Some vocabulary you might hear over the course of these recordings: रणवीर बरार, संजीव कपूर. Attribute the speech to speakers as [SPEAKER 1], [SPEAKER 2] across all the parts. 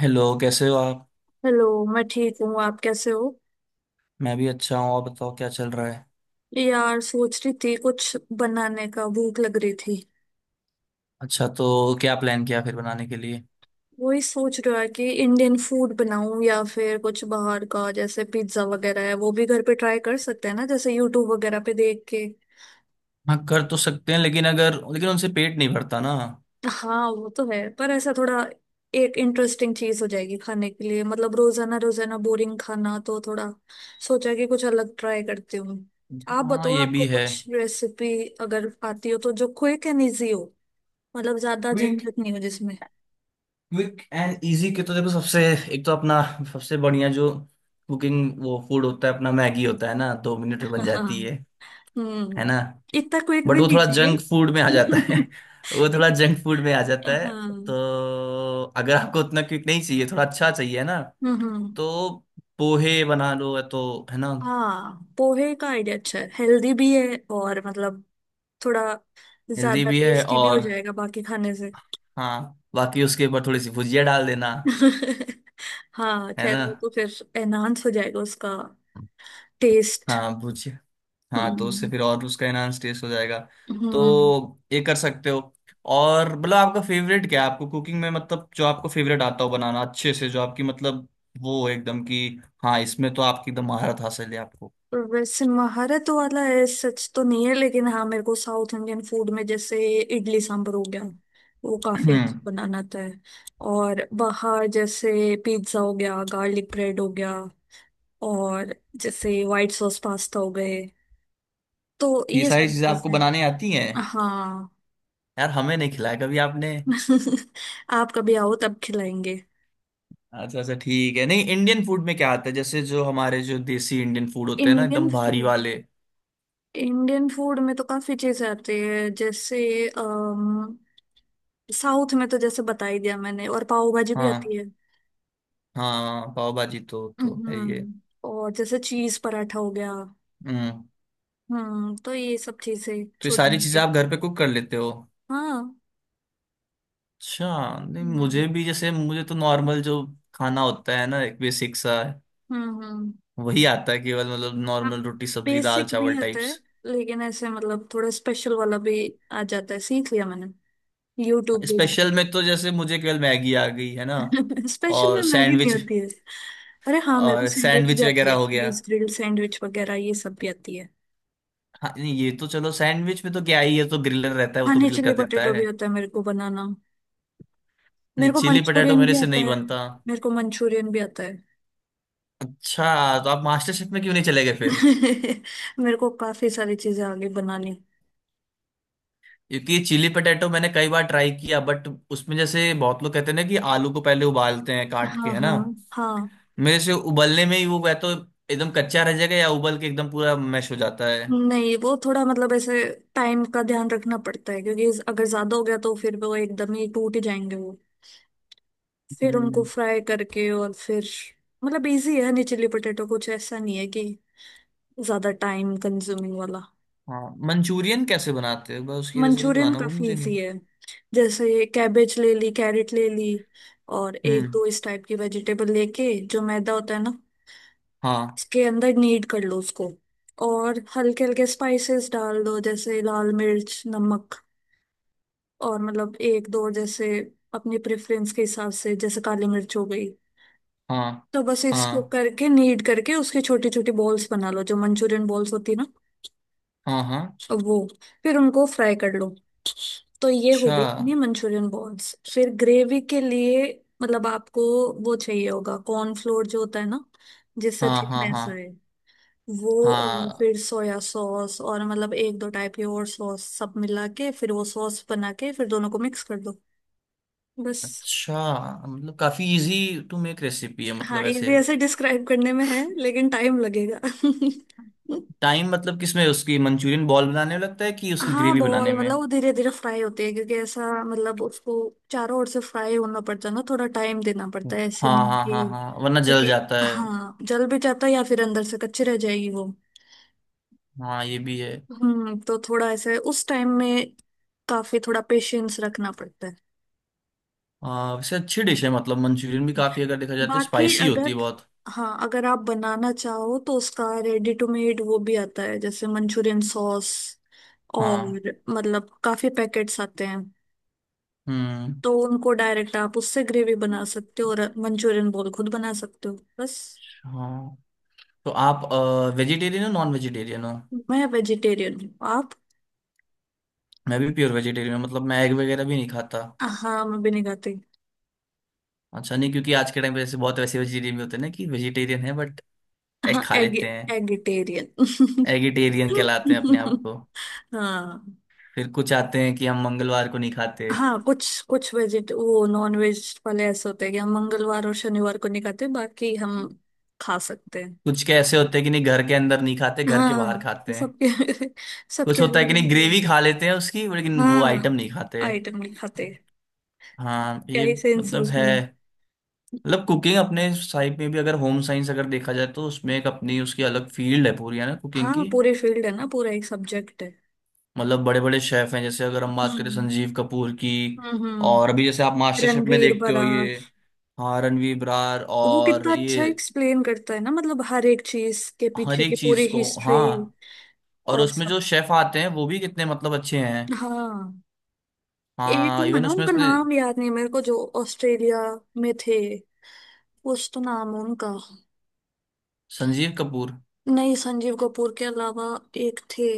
[SPEAKER 1] Hello, कैसे हो आप।
[SPEAKER 2] हेलो। मैं ठीक हूँ। आप कैसे हो?
[SPEAKER 1] मैं भी अच्छा हूँ। और बताओ, क्या चल रहा है।
[SPEAKER 2] यार, सोच रही थी कुछ बनाने का, भूख लग रही थी।
[SPEAKER 1] अच्छा, तो क्या प्लान किया फिर बनाने के लिए।
[SPEAKER 2] वही सोच रहा कि इंडियन फूड बनाऊं या फिर कुछ बाहर का, जैसे पिज्जा वगैरह है, वो भी घर पे ट्राई कर सकते हैं ना, जैसे यूट्यूब वगैरह पे देख के।
[SPEAKER 1] हाँ कर तो सकते हैं, लेकिन उनसे पेट नहीं भरता ना।
[SPEAKER 2] हाँ, वो तो है, पर ऐसा थोड़ा एक इंटरेस्टिंग चीज हो जाएगी खाने के लिए। मतलब रोजाना रोजाना बोरिंग खाना तो थोड़ा। सोचा कि कुछ अलग ट्राई करती हूँ। आप
[SPEAKER 1] हाँ
[SPEAKER 2] बताओ,
[SPEAKER 1] ये
[SPEAKER 2] आपको
[SPEAKER 1] भी है।
[SPEAKER 2] कुछ रेसिपी अगर आती हो तो, जो क्विक एंड इजी हो, मतलब ज्यादा
[SPEAKER 1] क्विक
[SPEAKER 2] झंझट नहीं हो जिसमें।
[SPEAKER 1] क्विक एंड इजी के तो देखो, सबसे एक तो अपना सबसे बढ़िया जो कुकिंग वो फूड होता है अपना, मैगी होता है ना, 2 मिनट में बन जाती है
[SPEAKER 2] हाँ।
[SPEAKER 1] है
[SPEAKER 2] हम्म।
[SPEAKER 1] ना।
[SPEAKER 2] इतना क्विक
[SPEAKER 1] बट
[SPEAKER 2] भी
[SPEAKER 1] वो
[SPEAKER 2] नहीं
[SPEAKER 1] थोड़ा
[SPEAKER 2] चाहिए।
[SPEAKER 1] जंक फूड में आ जाता है। वो थोड़ा जंक फूड में आ जाता है।
[SPEAKER 2] हाँ।
[SPEAKER 1] तो
[SPEAKER 2] हम्म।
[SPEAKER 1] अगर आपको उतना क्विक नहीं चाहिए, थोड़ा अच्छा चाहिए ना,
[SPEAKER 2] हम्म।
[SPEAKER 1] तो पोहे बना लो तो, है ना।
[SPEAKER 2] हाँ, पोहे का आइडिया अच्छा है, हेल्दी भी है, और मतलब थोड़ा
[SPEAKER 1] हेल्दी
[SPEAKER 2] ज्यादा
[SPEAKER 1] भी है।
[SPEAKER 2] टेस्टी भी
[SPEAKER 1] और
[SPEAKER 2] हो जाएगा बाकी खाने से।
[SPEAKER 1] हाँ, बाकी उसके ऊपर थोड़ी सी भुजिया डाल देना,
[SPEAKER 2] हाँ,
[SPEAKER 1] है
[SPEAKER 2] खैर
[SPEAKER 1] ना।
[SPEAKER 2] वो तो फिर एनहांस हो जाएगा उसका टेस्ट।
[SPEAKER 1] हाँ भुजिया। हाँ तो उससे
[SPEAKER 2] हम्म।
[SPEAKER 1] फिर और उसका एनहांस टेस्ट हो जाएगा। तो
[SPEAKER 2] हम्म।
[SPEAKER 1] ये कर सकते हो। और मतलब आपका फेवरेट क्या है, आपको कुकिंग में मतलब जो आपको फेवरेट आता हो बनाना अच्छे से, जो आपकी मतलब वो है एकदम कि हाँ, इसमें तो आपकी एकदम महारत हासिल है आपको।
[SPEAKER 2] वैसे महारत वाला है सच तो नहीं है, लेकिन हाँ, मेरे को साउथ इंडियन फूड में जैसे इडली सांभर हो गया, वो काफी
[SPEAKER 1] हम्म।
[SPEAKER 2] अच्छा बनाना आता है। और बाहर जैसे पिज्जा हो गया, गार्लिक ब्रेड हो गया, और जैसे व्हाइट सॉस पास्ता हो गए, तो
[SPEAKER 1] ये
[SPEAKER 2] ये
[SPEAKER 1] सारी
[SPEAKER 2] सारी
[SPEAKER 1] चीजें आपको
[SPEAKER 2] चीजें।
[SPEAKER 1] बनाने आती हैं।
[SPEAKER 2] हाँ।
[SPEAKER 1] यार हमें नहीं खिलाया कभी आपने।
[SPEAKER 2] आप कभी आओ तब खिलाएंगे।
[SPEAKER 1] अच्छा अच्छा ठीक है। नहीं इंडियन फूड में क्या आता है, जैसे जो हमारे जो देसी इंडियन फूड होते हैं ना,
[SPEAKER 2] इंडियन
[SPEAKER 1] एकदम भारी
[SPEAKER 2] फूड
[SPEAKER 1] वाले।
[SPEAKER 2] इंडियन फूड में तो काफी चीजें आती है जैसे अम, साउथ में तो जैसे बता ही दिया मैंने, और पाव भाजी भी
[SPEAKER 1] हाँ।
[SPEAKER 2] आती है।
[SPEAKER 1] हाँ पाव भाजी तो है ये।
[SPEAKER 2] हम्म। और जैसे चीज पराठा हो गया।
[SPEAKER 1] हम्म।
[SPEAKER 2] हम्म, तो ये सब चीजें
[SPEAKER 1] तो ये
[SPEAKER 2] छोटी
[SPEAKER 1] सारी चीजें
[SPEAKER 2] मोटी।
[SPEAKER 1] आप घर पे कुक कर लेते हो।
[SPEAKER 2] हाँ।
[SPEAKER 1] अच्छा। नहीं
[SPEAKER 2] हम्म।
[SPEAKER 1] मुझे भी, जैसे मुझे तो नॉर्मल जो खाना होता है ना एक बेसिक सा,
[SPEAKER 2] हम्म। हम्म।
[SPEAKER 1] वही आता है केवल। मतलब नॉर्मल
[SPEAKER 2] अब
[SPEAKER 1] रोटी सब्जी दाल
[SPEAKER 2] बेसिक भी
[SPEAKER 1] चावल
[SPEAKER 2] आता है,
[SPEAKER 1] टाइप्स।
[SPEAKER 2] लेकिन ऐसे मतलब थोड़ा स्पेशल वाला भी आ जाता है, सीख लिया मैंने यूट्यूब
[SPEAKER 1] स्पेशल
[SPEAKER 2] देख
[SPEAKER 1] में तो जैसे मुझे केवल मैगी आ गई है ना।
[SPEAKER 2] में। स्पेशल में
[SPEAKER 1] और
[SPEAKER 2] मैगी नहीं
[SPEAKER 1] सैंडविच।
[SPEAKER 2] आती है। अरे हाँ, मेरे को
[SPEAKER 1] और
[SPEAKER 2] सैंडविच भी
[SPEAKER 1] सैंडविच
[SPEAKER 2] आती
[SPEAKER 1] वगैरह
[SPEAKER 2] है,
[SPEAKER 1] हो गया।
[SPEAKER 2] चीज ग्रिल्ड सैंडविच वगैरह, ये सब भी आती है।
[SPEAKER 1] हाँ नहीं ये तो चलो, सैंडविच में तो क्या ही है, तो ग्रिलर रहता है वो तो,
[SPEAKER 2] खाने,
[SPEAKER 1] ग्रिल कर
[SPEAKER 2] चिली
[SPEAKER 1] देता
[SPEAKER 2] पोटेटो भी
[SPEAKER 1] है।
[SPEAKER 2] आता है मेरे को बनाना।
[SPEAKER 1] नहीं,
[SPEAKER 2] मेरे को
[SPEAKER 1] चिली पटेटो
[SPEAKER 2] मंचूरियन
[SPEAKER 1] मेरे
[SPEAKER 2] भी
[SPEAKER 1] से
[SPEAKER 2] आता
[SPEAKER 1] नहीं
[SPEAKER 2] है।
[SPEAKER 1] बनता।
[SPEAKER 2] मेरे को मंचूरियन भी आता है।
[SPEAKER 1] अच्छा, तो आप मास्टर शेफ में क्यों नहीं चले गए फिर।
[SPEAKER 2] मेरे को काफी सारी चीजें आगे बनानी।
[SPEAKER 1] क्योंकि चिली पटेटो मैंने कई बार ट्राई किया, बट उसमें जैसे बहुत लोग कहते हैं ना कि आलू को पहले उबालते हैं काट के,
[SPEAKER 2] हाँ,
[SPEAKER 1] है ना।
[SPEAKER 2] हाँ। हाँ,
[SPEAKER 1] मेरे से उबलने में ही वो या तो एकदम कच्चा रह जाएगा, या उबल के एकदम पूरा मैश हो जाता है।
[SPEAKER 2] नहीं वो थोड़ा मतलब ऐसे टाइम का ध्यान रखना पड़ता है, क्योंकि अगर ज्यादा हो गया तो फिर वो एकदम ही टूट ही जाएंगे वो, फिर उनको
[SPEAKER 1] हम्म।
[SPEAKER 2] फ्राई करके, और फिर मतलब इजी है नहीं चिली पोटैटो, कुछ ऐसा नहीं है कि ज्यादा टाइम कंज्यूमिंग वाला।
[SPEAKER 1] हाँ। मंचूरियन कैसे बनाते हैं, बस उसकी रेसिपी
[SPEAKER 2] मंचूरियन
[SPEAKER 1] बताना, वो
[SPEAKER 2] काफी
[SPEAKER 1] मुझे
[SPEAKER 2] इजी
[SPEAKER 1] नहीं।
[SPEAKER 2] है। जैसे कैबेज ले ली, कैरेट ले ली, और एक
[SPEAKER 1] हम्म।
[SPEAKER 2] दो इस टाइप की वेजिटेबल लेके, जो मैदा होता है ना,
[SPEAKER 1] हाँ।
[SPEAKER 2] इसके अंदर नीड कर लो उसको, और हल्के हल्के स्पाइसेस डाल दो जैसे लाल मिर्च, नमक, और मतलब एक दो जैसे अपनी प्रेफरेंस के हिसाब से जैसे काली मिर्च हो गई।
[SPEAKER 1] हाँ।
[SPEAKER 2] तो बस इसको
[SPEAKER 1] हाँ।
[SPEAKER 2] करके नीड करके उसके छोटी छोटी बॉल्स बना लो, जो मंचूरियन बॉल्स होती है ना,
[SPEAKER 1] हाँ। हाँ।
[SPEAKER 2] वो, फिर उनको फ्राई कर लो। तो ये हो
[SPEAKER 1] अच्छा।
[SPEAKER 2] गई अपनी मंचूरियन बॉल्स। फिर ग्रेवी के लिए मतलब आपको वो चाहिए होगा कॉर्नफ्लोर जो होता है ना, जिससे
[SPEAKER 1] हाँ। हाँ। हाँ।
[SPEAKER 2] थिकनेस आए वो, और
[SPEAKER 1] हाँ।
[SPEAKER 2] फिर सोया सॉस और मतलब एक दो टाइप की और सॉस सब मिला के, फिर वो सॉस बना के, फिर दोनों को मिक्स कर दो बस।
[SPEAKER 1] अच्छा, मतलब काफी इजी टू मेक रेसिपी है
[SPEAKER 2] हाँ,
[SPEAKER 1] मतलब
[SPEAKER 2] इजी
[SPEAKER 1] ऐसे।
[SPEAKER 2] ऐसे डिस्क्राइब करने में है, लेकिन टाइम लगेगा।
[SPEAKER 1] टाइम मतलब किसमें, उसकी मंचूरियन बॉल बनाने में लगता है कि उसकी
[SPEAKER 2] हाँ,
[SPEAKER 1] ग्रेवी बनाने
[SPEAKER 2] बॉल
[SPEAKER 1] में।
[SPEAKER 2] मतलब वो धीरे धीरे फ्राई होती है, क्योंकि ऐसा मतलब उसको चारों ओर से फ्राई होना पड़ता है ना, थोड़ा टाइम देना पड़ता है, ऐसे
[SPEAKER 1] हाँ
[SPEAKER 2] नहीं
[SPEAKER 1] हाँ
[SPEAKER 2] कि
[SPEAKER 1] हाँ हाँ, वरना जल
[SPEAKER 2] क्योंकि
[SPEAKER 1] जाता है।
[SPEAKER 2] हाँ, जल भी जाता है या फिर अंदर से कच्ची रह जाएगी वो।
[SPEAKER 1] हाँ ये भी है।
[SPEAKER 2] हम्म, तो थोड़ा ऐसे उस टाइम में काफी थोड़ा पेशेंस रखना पड़ता है।
[SPEAKER 1] वैसे अच्छी डिश है मतलब, मंचूरियन भी काफी अगर देखा जाए तो
[SPEAKER 2] बाकी
[SPEAKER 1] स्पाइसी
[SPEAKER 2] अगर,
[SPEAKER 1] होती है बहुत।
[SPEAKER 2] हाँ, अगर आप बनाना चाहो तो उसका रेडी टू मेड वो भी आता है जैसे मंचूरियन सॉस,
[SPEAKER 1] हाँ।
[SPEAKER 2] और मतलब काफी पैकेट्स आते हैं।
[SPEAKER 1] हम्म।
[SPEAKER 2] तो उनको डायरेक्ट आप उससे ग्रेवी बना सकते हो और मंचूरियन बॉल खुद बना सकते हो बस।
[SPEAKER 1] हाँ, तो आप वेजिटेरियन हो, नॉन वेजिटेरियन हो।
[SPEAKER 2] मैं वेजिटेरियन हूँ। आप?
[SPEAKER 1] मैं भी प्योर वेजिटेरियन हूँ, मतलब मैं एग वगैरह भी नहीं खाता।
[SPEAKER 2] हाँ, मैं भी नहीं खाती।
[SPEAKER 1] अच्छा, नहीं क्योंकि आज के टाइम पे ऐसे बहुत वैसे वेजिटेरियन भी होते हैं ना कि वेजिटेरियन है बट एग
[SPEAKER 2] हाँ,
[SPEAKER 1] खा
[SPEAKER 2] एग।
[SPEAKER 1] लेते हैं।
[SPEAKER 2] एगिटेरियन।
[SPEAKER 1] एगिटेरियन कहलाते हैं अपने आप को।
[SPEAKER 2] हाँ।
[SPEAKER 1] फिर कुछ आते हैं कि हम मंगलवार को नहीं खाते।
[SPEAKER 2] हाँ, कुछ कुछ वेजिट वो नॉन वेज वाले ऐसे होते हैं कि हम मंगलवार और शनिवार को नहीं खाते, बाकी हम खा सकते हैं।
[SPEAKER 1] कुछ के ऐसे होते हैं कि नहीं, घर के अंदर नहीं खाते, घर के बाहर
[SPEAKER 2] हाँ, तो
[SPEAKER 1] खाते हैं।
[SPEAKER 2] सबके।
[SPEAKER 1] कुछ
[SPEAKER 2] सबके
[SPEAKER 1] होता है
[SPEAKER 2] अलग
[SPEAKER 1] कि नहीं
[SPEAKER 2] अलग।
[SPEAKER 1] ग्रेवी खा लेते हैं उसकी, लेकिन वो
[SPEAKER 2] हाँ,
[SPEAKER 1] आइटम नहीं खाते।
[SPEAKER 2] आइटम नहीं खाते।
[SPEAKER 1] हाँ
[SPEAKER 2] क्या
[SPEAKER 1] ये
[SPEAKER 2] ही सेंस है
[SPEAKER 1] मतलब है।
[SPEAKER 2] उसमें।
[SPEAKER 1] मतलब कुकिंग, अपने साइड में भी अगर होम साइंस अगर देखा जाए तो उसमें एक अपनी उसकी अलग फील्ड है पूरी, है ना कुकिंग
[SPEAKER 2] हाँ,
[SPEAKER 1] की।
[SPEAKER 2] पूरे फील्ड है ना, पूरा एक सब्जेक्ट है।
[SPEAKER 1] मतलब बड़े बड़े शेफ हैं, जैसे अगर हम बात करें
[SPEAKER 2] हम्म।
[SPEAKER 1] संजीव कपूर की।
[SPEAKER 2] हम्म।
[SPEAKER 1] और अभी
[SPEAKER 2] हम्म।
[SPEAKER 1] जैसे आप मास्टर शेफ में
[SPEAKER 2] रणवीर
[SPEAKER 1] देखते हो,
[SPEAKER 2] बरार।
[SPEAKER 1] ये हाँ, रणवीर ब्रार।
[SPEAKER 2] वो
[SPEAKER 1] और
[SPEAKER 2] कितना
[SPEAKER 1] ये
[SPEAKER 2] अच्छा एक्सप्लेन करता है ना, मतलब हर एक चीज के
[SPEAKER 1] हर
[SPEAKER 2] पीछे की
[SPEAKER 1] एक
[SPEAKER 2] पूरी
[SPEAKER 1] चीज को,
[SPEAKER 2] हिस्ट्री,
[SPEAKER 1] हाँ। और
[SPEAKER 2] और
[SPEAKER 1] उसमें
[SPEAKER 2] सब।
[SPEAKER 1] जो शेफ आते हैं वो भी कितने मतलब अच्छे हैं।
[SPEAKER 2] हाँ, एटू
[SPEAKER 1] हाँ,
[SPEAKER 2] है
[SPEAKER 1] इवन
[SPEAKER 2] ना,
[SPEAKER 1] उसमें
[SPEAKER 2] उनका
[SPEAKER 1] उसने
[SPEAKER 2] नाम याद नहीं है मेरे को, जो ऑस्ट्रेलिया में थे, कुछ तो नाम है उनका।
[SPEAKER 1] संजीव कपूर।
[SPEAKER 2] नहीं, संजीव कपूर के अलावा एक थे,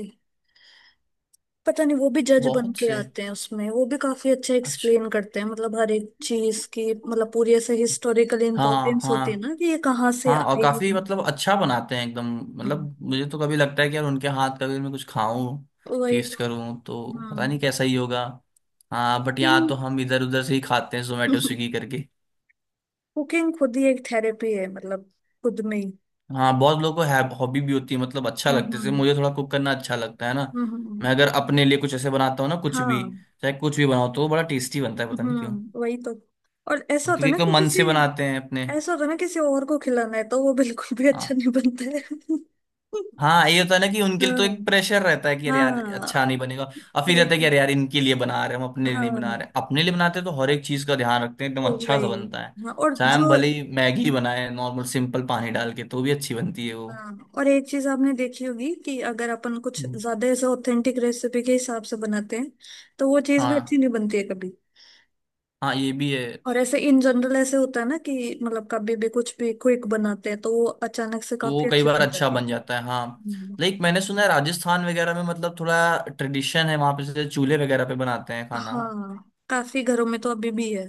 [SPEAKER 2] पता नहीं, वो भी जज बन
[SPEAKER 1] बहुत
[SPEAKER 2] के
[SPEAKER 1] से।
[SPEAKER 2] आते हैं उसमें, वो भी काफी अच्छा
[SPEAKER 1] अच्छा।
[SPEAKER 2] एक्सप्लेन करते हैं, मतलब हर एक चीज की मतलब पूरी ऐसे हिस्टोरिकल
[SPEAKER 1] हाँ
[SPEAKER 2] इम्पोर्टेंस
[SPEAKER 1] हाँ
[SPEAKER 2] होती है ना कि ये कहाँ से
[SPEAKER 1] हाँ। और
[SPEAKER 2] आई।
[SPEAKER 1] काफी मतलब अच्छा बनाते हैं एकदम।
[SPEAKER 2] हम्म,
[SPEAKER 1] मतलब मुझे तो कभी लगता है कि यार उनके हाथ का भी मैं कुछ खाऊं,
[SPEAKER 2] वही
[SPEAKER 1] टेस्ट
[SPEAKER 2] तो।
[SPEAKER 1] करूं, तो
[SPEAKER 2] हाँ।
[SPEAKER 1] पता नहीं कैसा ही होगा। हाँ, बट यहाँ
[SPEAKER 2] कुकिंग
[SPEAKER 1] तो हम इधर उधर से ही खाते हैं जोमेटो स्विगी करके।
[SPEAKER 2] कुकिंग खुद ही एक थेरेपी है, मतलब खुद में ही।
[SPEAKER 1] हाँ बहुत लोगों को हॉबी भी होती है, मतलब अच्छा
[SPEAKER 2] हम्म।
[SPEAKER 1] लगता है, जैसे
[SPEAKER 2] हम्म।
[SPEAKER 1] मुझे थोड़ा कुक करना अच्छा लगता है ना।
[SPEAKER 2] हम्म।
[SPEAKER 1] मैं अगर अपने लिए कुछ ऐसे बनाता हूँ ना, कुछ भी
[SPEAKER 2] हाँ।
[SPEAKER 1] चाहे कुछ भी बनाओ, तो वो बड़ा टेस्टी बनता है, पता नहीं क्यों।
[SPEAKER 2] हम्म, वही तो। और ऐसा
[SPEAKER 1] हाँ,
[SPEAKER 2] होता
[SPEAKER 1] क्योंकि
[SPEAKER 2] है
[SPEAKER 1] एक
[SPEAKER 2] ना
[SPEAKER 1] तो
[SPEAKER 2] कि
[SPEAKER 1] मन
[SPEAKER 2] किसी,
[SPEAKER 1] से बनाते हैं अपने।
[SPEAKER 2] ऐसा होता है ना किसी और को खिलाना है, तो वो बिल्कुल भी अच्छा
[SPEAKER 1] हाँ,
[SPEAKER 2] नहीं बनता है।
[SPEAKER 1] हाँ ये होता है ना कि उनके लिए तो एक
[SPEAKER 2] हाँ,
[SPEAKER 1] प्रेशर रहता है कि अरे यार
[SPEAKER 2] हाँ,
[SPEAKER 1] अच्छा नहीं बनेगा। और फिर
[SPEAKER 2] वही
[SPEAKER 1] रहता है कि
[SPEAKER 2] तो।
[SPEAKER 1] अरे यार इनके लिए बना रहे हैं, हम अपने लिए नहीं बना
[SPEAKER 2] हाँ,
[SPEAKER 1] रहे। अपने लिए बनाते हैं तो हर एक चीज का ध्यान रखते हैं, एकदम
[SPEAKER 2] तो
[SPEAKER 1] अच्छा
[SPEAKER 2] वही।
[SPEAKER 1] सा बनता है।
[SPEAKER 2] हाँ, और
[SPEAKER 1] चाहे हम
[SPEAKER 2] जो।
[SPEAKER 1] भले ही मैगी बनाए नॉर्मल, सिंपल पानी डाल के तो भी अच्छी बनती है वो।
[SPEAKER 2] हाँ, और एक चीज आपने देखी होगी कि अगर अपन कुछ
[SPEAKER 1] हम्म।
[SPEAKER 2] ज्यादा ऐसे ऑथेंटिक रेसिपी के हिसाब से बनाते हैं, तो वो चीज भी अच्छी
[SPEAKER 1] हाँ।
[SPEAKER 2] नहीं बनती है कभी।
[SPEAKER 1] हाँ ये भी है।
[SPEAKER 2] और ऐसे इन जनरल ऐसे होता है ना कि, मतलब कभी भी कुछ भी क्विक बनाते हैं तो वो अचानक से
[SPEAKER 1] तो वो
[SPEAKER 2] काफी
[SPEAKER 1] कई
[SPEAKER 2] अच्छी
[SPEAKER 1] बार
[SPEAKER 2] बन
[SPEAKER 1] अच्छा
[SPEAKER 2] जाती
[SPEAKER 1] बन जाता है, हाँ।
[SPEAKER 2] है।
[SPEAKER 1] लाइक मैंने सुना है राजस्थान वगैरह में मतलब थोड़ा ट्रेडिशन है, वहां पे जैसे चूल्हे वगैरह पे बनाते हैं खाना।
[SPEAKER 2] हाँ, काफी घरों में तो अभी भी है।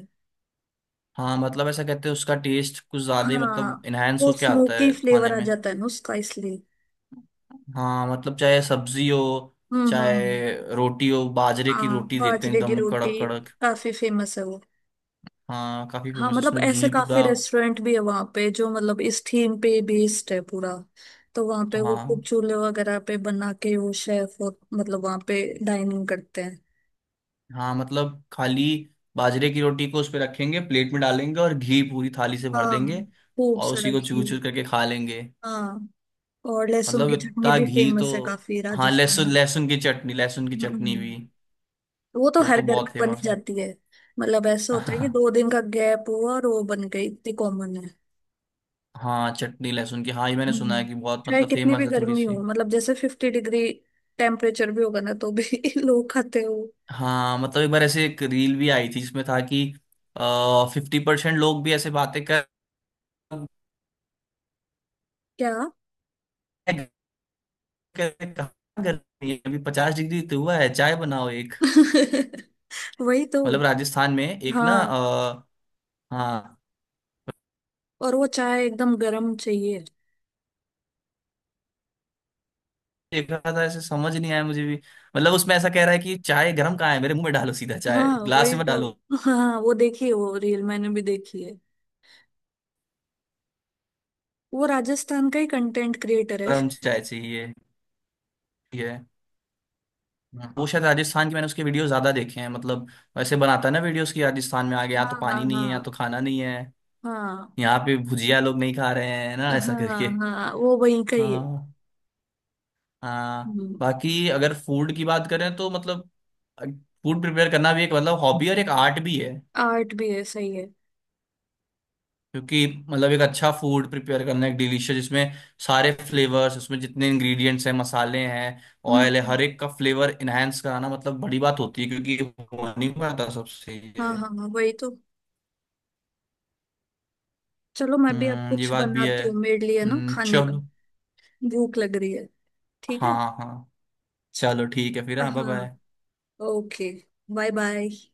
[SPEAKER 1] हाँ, मतलब ऐसा कहते हैं, उसका टेस्ट कुछ ज्यादा ही
[SPEAKER 2] हाँ,
[SPEAKER 1] मतलब इनहेंस
[SPEAKER 2] वो
[SPEAKER 1] होके आता
[SPEAKER 2] स्मोकी
[SPEAKER 1] है खाने
[SPEAKER 2] फ्लेवर आ
[SPEAKER 1] में।
[SPEAKER 2] जाता है ना उसका, इसलिए।
[SPEAKER 1] हाँ, मतलब चाहे सब्जी हो,
[SPEAKER 2] हम्म। हम्म।
[SPEAKER 1] चाहे रोटी हो, बाजरे की
[SPEAKER 2] हाँ,
[SPEAKER 1] रोटी देते हैं
[SPEAKER 2] बाजरे की
[SPEAKER 1] एकदम कड़क
[SPEAKER 2] रोटी
[SPEAKER 1] कड़क।
[SPEAKER 2] काफी फेमस है वो।
[SPEAKER 1] हाँ काफी
[SPEAKER 2] हाँ,
[SPEAKER 1] फेमस है,
[SPEAKER 2] मतलब
[SPEAKER 1] उसमें
[SPEAKER 2] ऐसे
[SPEAKER 1] घी
[SPEAKER 2] काफी
[SPEAKER 1] पूरा।
[SPEAKER 2] रेस्टोरेंट भी है वहाँ पे, जो मतलब इस थीम पे बेस्ड है पूरा। तो वहाँ पे वो
[SPEAKER 1] हाँ।
[SPEAKER 2] कुछ चूल्हे वगैरह पे बना के वो शेफ, और मतलब वहाँ पे डाइनिंग करते हैं।
[SPEAKER 1] हाँ मतलब खाली बाजरे की रोटी को उस पे रखेंगे, प्लेट में डालेंगे और घी पूरी थाली से भर
[SPEAKER 2] हाँ,
[SPEAKER 1] देंगे।
[SPEAKER 2] खूब
[SPEAKER 1] और
[SPEAKER 2] सारा
[SPEAKER 1] उसी को
[SPEAKER 2] घी।
[SPEAKER 1] चूर चूर करके खा लेंगे।
[SPEAKER 2] हाँ, और लहसुन
[SPEAKER 1] मतलब
[SPEAKER 2] की चटनी
[SPEAKER 1] इतना
[SPEAKER 2] भी
[SPEAKER 1] घी तो।
[SPEAKER 2] फेमस है काफी
[SPEAKER 1] हाँ,
[SPEAKER 2] राजस्थान
[SPEAKER 1] लहसुन
[SPEAKER 2] में।
[SPEAKER 1] लहसुन की चटनी, लहसुन की चटनी
[SPEAKER 2] हम्म,
[SPEAKER 1] भी
[SPEAKER 2] तो वो तो
[SPEAKER 1] वो
[SPEAKER 2] हर
[SPEAKER 1] तो
[SPEAKER 2] घर में
[SPEAKER 1] बहुत
[SPEAKER 2] बनी
[SPEAKER 1] फेमस है।
[SPEAKER 2] जाती है। मतलब ऐसे होता है कि
[SPEAKER 1] हाँ,
[SPEAKER 2] दो दिन का गैप हुआ और वो बन गई, इतनी कॉमन है।
[SPEAKER 1] हाँ चटनी लहसुन की, हाँ ये मैंने सुना है
[SPEAKER 2] हम्म,
[SPEAKER 1] कि बहुत
[SPEAKER 2] चाहे
[SPEAKER 1] मतलब
[SPEAKER 2] कितनी
[SPEAKER 1] फेमस
[SPEAKER 2] भी
[SPEAKER 1] है थोड़ी
[SPEAKER 2] गर्मी हो,
[SPEAKER 1] सी।
[SPEAKER 2] मतलब जैसे 50 डिग्री टेम्परेचर भी होगा ना, तो भी लोग खाते हो।
[SPEAKER 1] हाँ मतलब एक बार ऐसे एक रील भी आई थी जिसमें था कि 50% लोग भी ऐसे बातें कर
[SPEAKER 2] क्या।
[SPEAKER 1] कर- कहाँ गर्मी है? अभी 50 डिग्री तो हुआ है, चाय बनाओ एक।
[SPEAKER 2] वही तो।
[SPEAKER 1] मतलब राजस्थान में एक ना
[SPEAKER 2] हाँ,
[SPEAKER 1] हाँ।
[SPEAKER 2] और वो चाय एकदम गर्म चाहिए।
[SPEAKER 1] देख रहा था ऐसे, समझ नहीं आया मुझे भी। मतलब उसमें ऐसा कह रहा है कि चाय गर्म कहाँ है, मेरे मुंह में डालो सीधा, चाय
[SPEAKER 2] हाँ,
[SPEAKER 1] ग्लास
[SPEAKER 2] वही
[SPEAKER 1] में मत
[SPEAKER 2] तो।
[SPEAKER 1] डालो,
[SPEAKER 2] हाँ, वो देखी है, वो रील मैंने भी देखी है। वो राजस्थान का ही कंटेंट क्रिएटर है
[SPEAKER 1] गर्म
[SPEAKER 2] शायद।
[SPEAKER 1] चाय चाहिए। ठीक है। हाँ। वो शायद राजस्थान की, मैंने उसके वीडियो ज्यादा देखे हैं मतलब। वैसे बनाता है ना वीडियोस की, राजस्थान में आ गया, यहाँ
[SPEAKER 2] हाँ,
[SPEAKER 1] तो
[SPEAKER 2] हाँ,
[SPEAKER 1] पानी नहीं है, यहाँ
[SPEAKER 2] हाँ।
[SPEAKER 1] तो खाना नहीं है, यहाँ पे भुजिया लोग नहीं खा रहे हैं ना, ऐसा
[SPEAKER 2] हाँ,
[SPEAKER 1] करके।
[SPEAKER 2] हाँ, हाँ, वो वहीं का ही
[SPEAKER 1] हाँ हाँ।
[SPEAKER 2] है।
[SPEAKER 1] बाकी अगर फूड की बात करें तो मतलब, फूड प्रिपेयर करना भी एक मतलब हॉबी और एक आर्ट भी है।
[SPEAKER 2] आर्ट भी है, सही है।
[SPEAKER 1] क्योंकि मतलब एक अच्छा फूड प्रिपेयर करना, एक डिलीशियस, जिसमें सारे फ्लेवर्स, उसमें जितने इंग्रेडिएंट्स हैं, मसाले हैं, ऑयल है,
[SPEAKER 2] हम्म।
[SPEAKER 1] हर एक का फ्लेवर इनहेंस कराना मतलब बड़ी बात होती है, क्योंकि ये हो नहीं पाता सबसे
[SPEAKER 2] हाँ,
[SPEAKER 1] ये।
[SPEAKER 2] हाँ, हाँ, वही तो। चलो, मैं भी अब
[SPEAKER 1] हम्म, ये
[SPEAKER 2] कुछ
[SPEAKER 1] बात भी है।
[SPEAKER 2] बनाती हूँ मेरे लिए ना खाने का।
[SPEAKER 1] चलो।
[SPEAKER 2] भूख लग रही है। ठीक है।
[SPEAKER 1] हाँ हाँ। चलो ठीक है फिर, हाँ बाय
[SPEAKER 2] हाँ।
[SPEAKER 1] बाय।
[SPEAKER 2] ओके। Bye bye.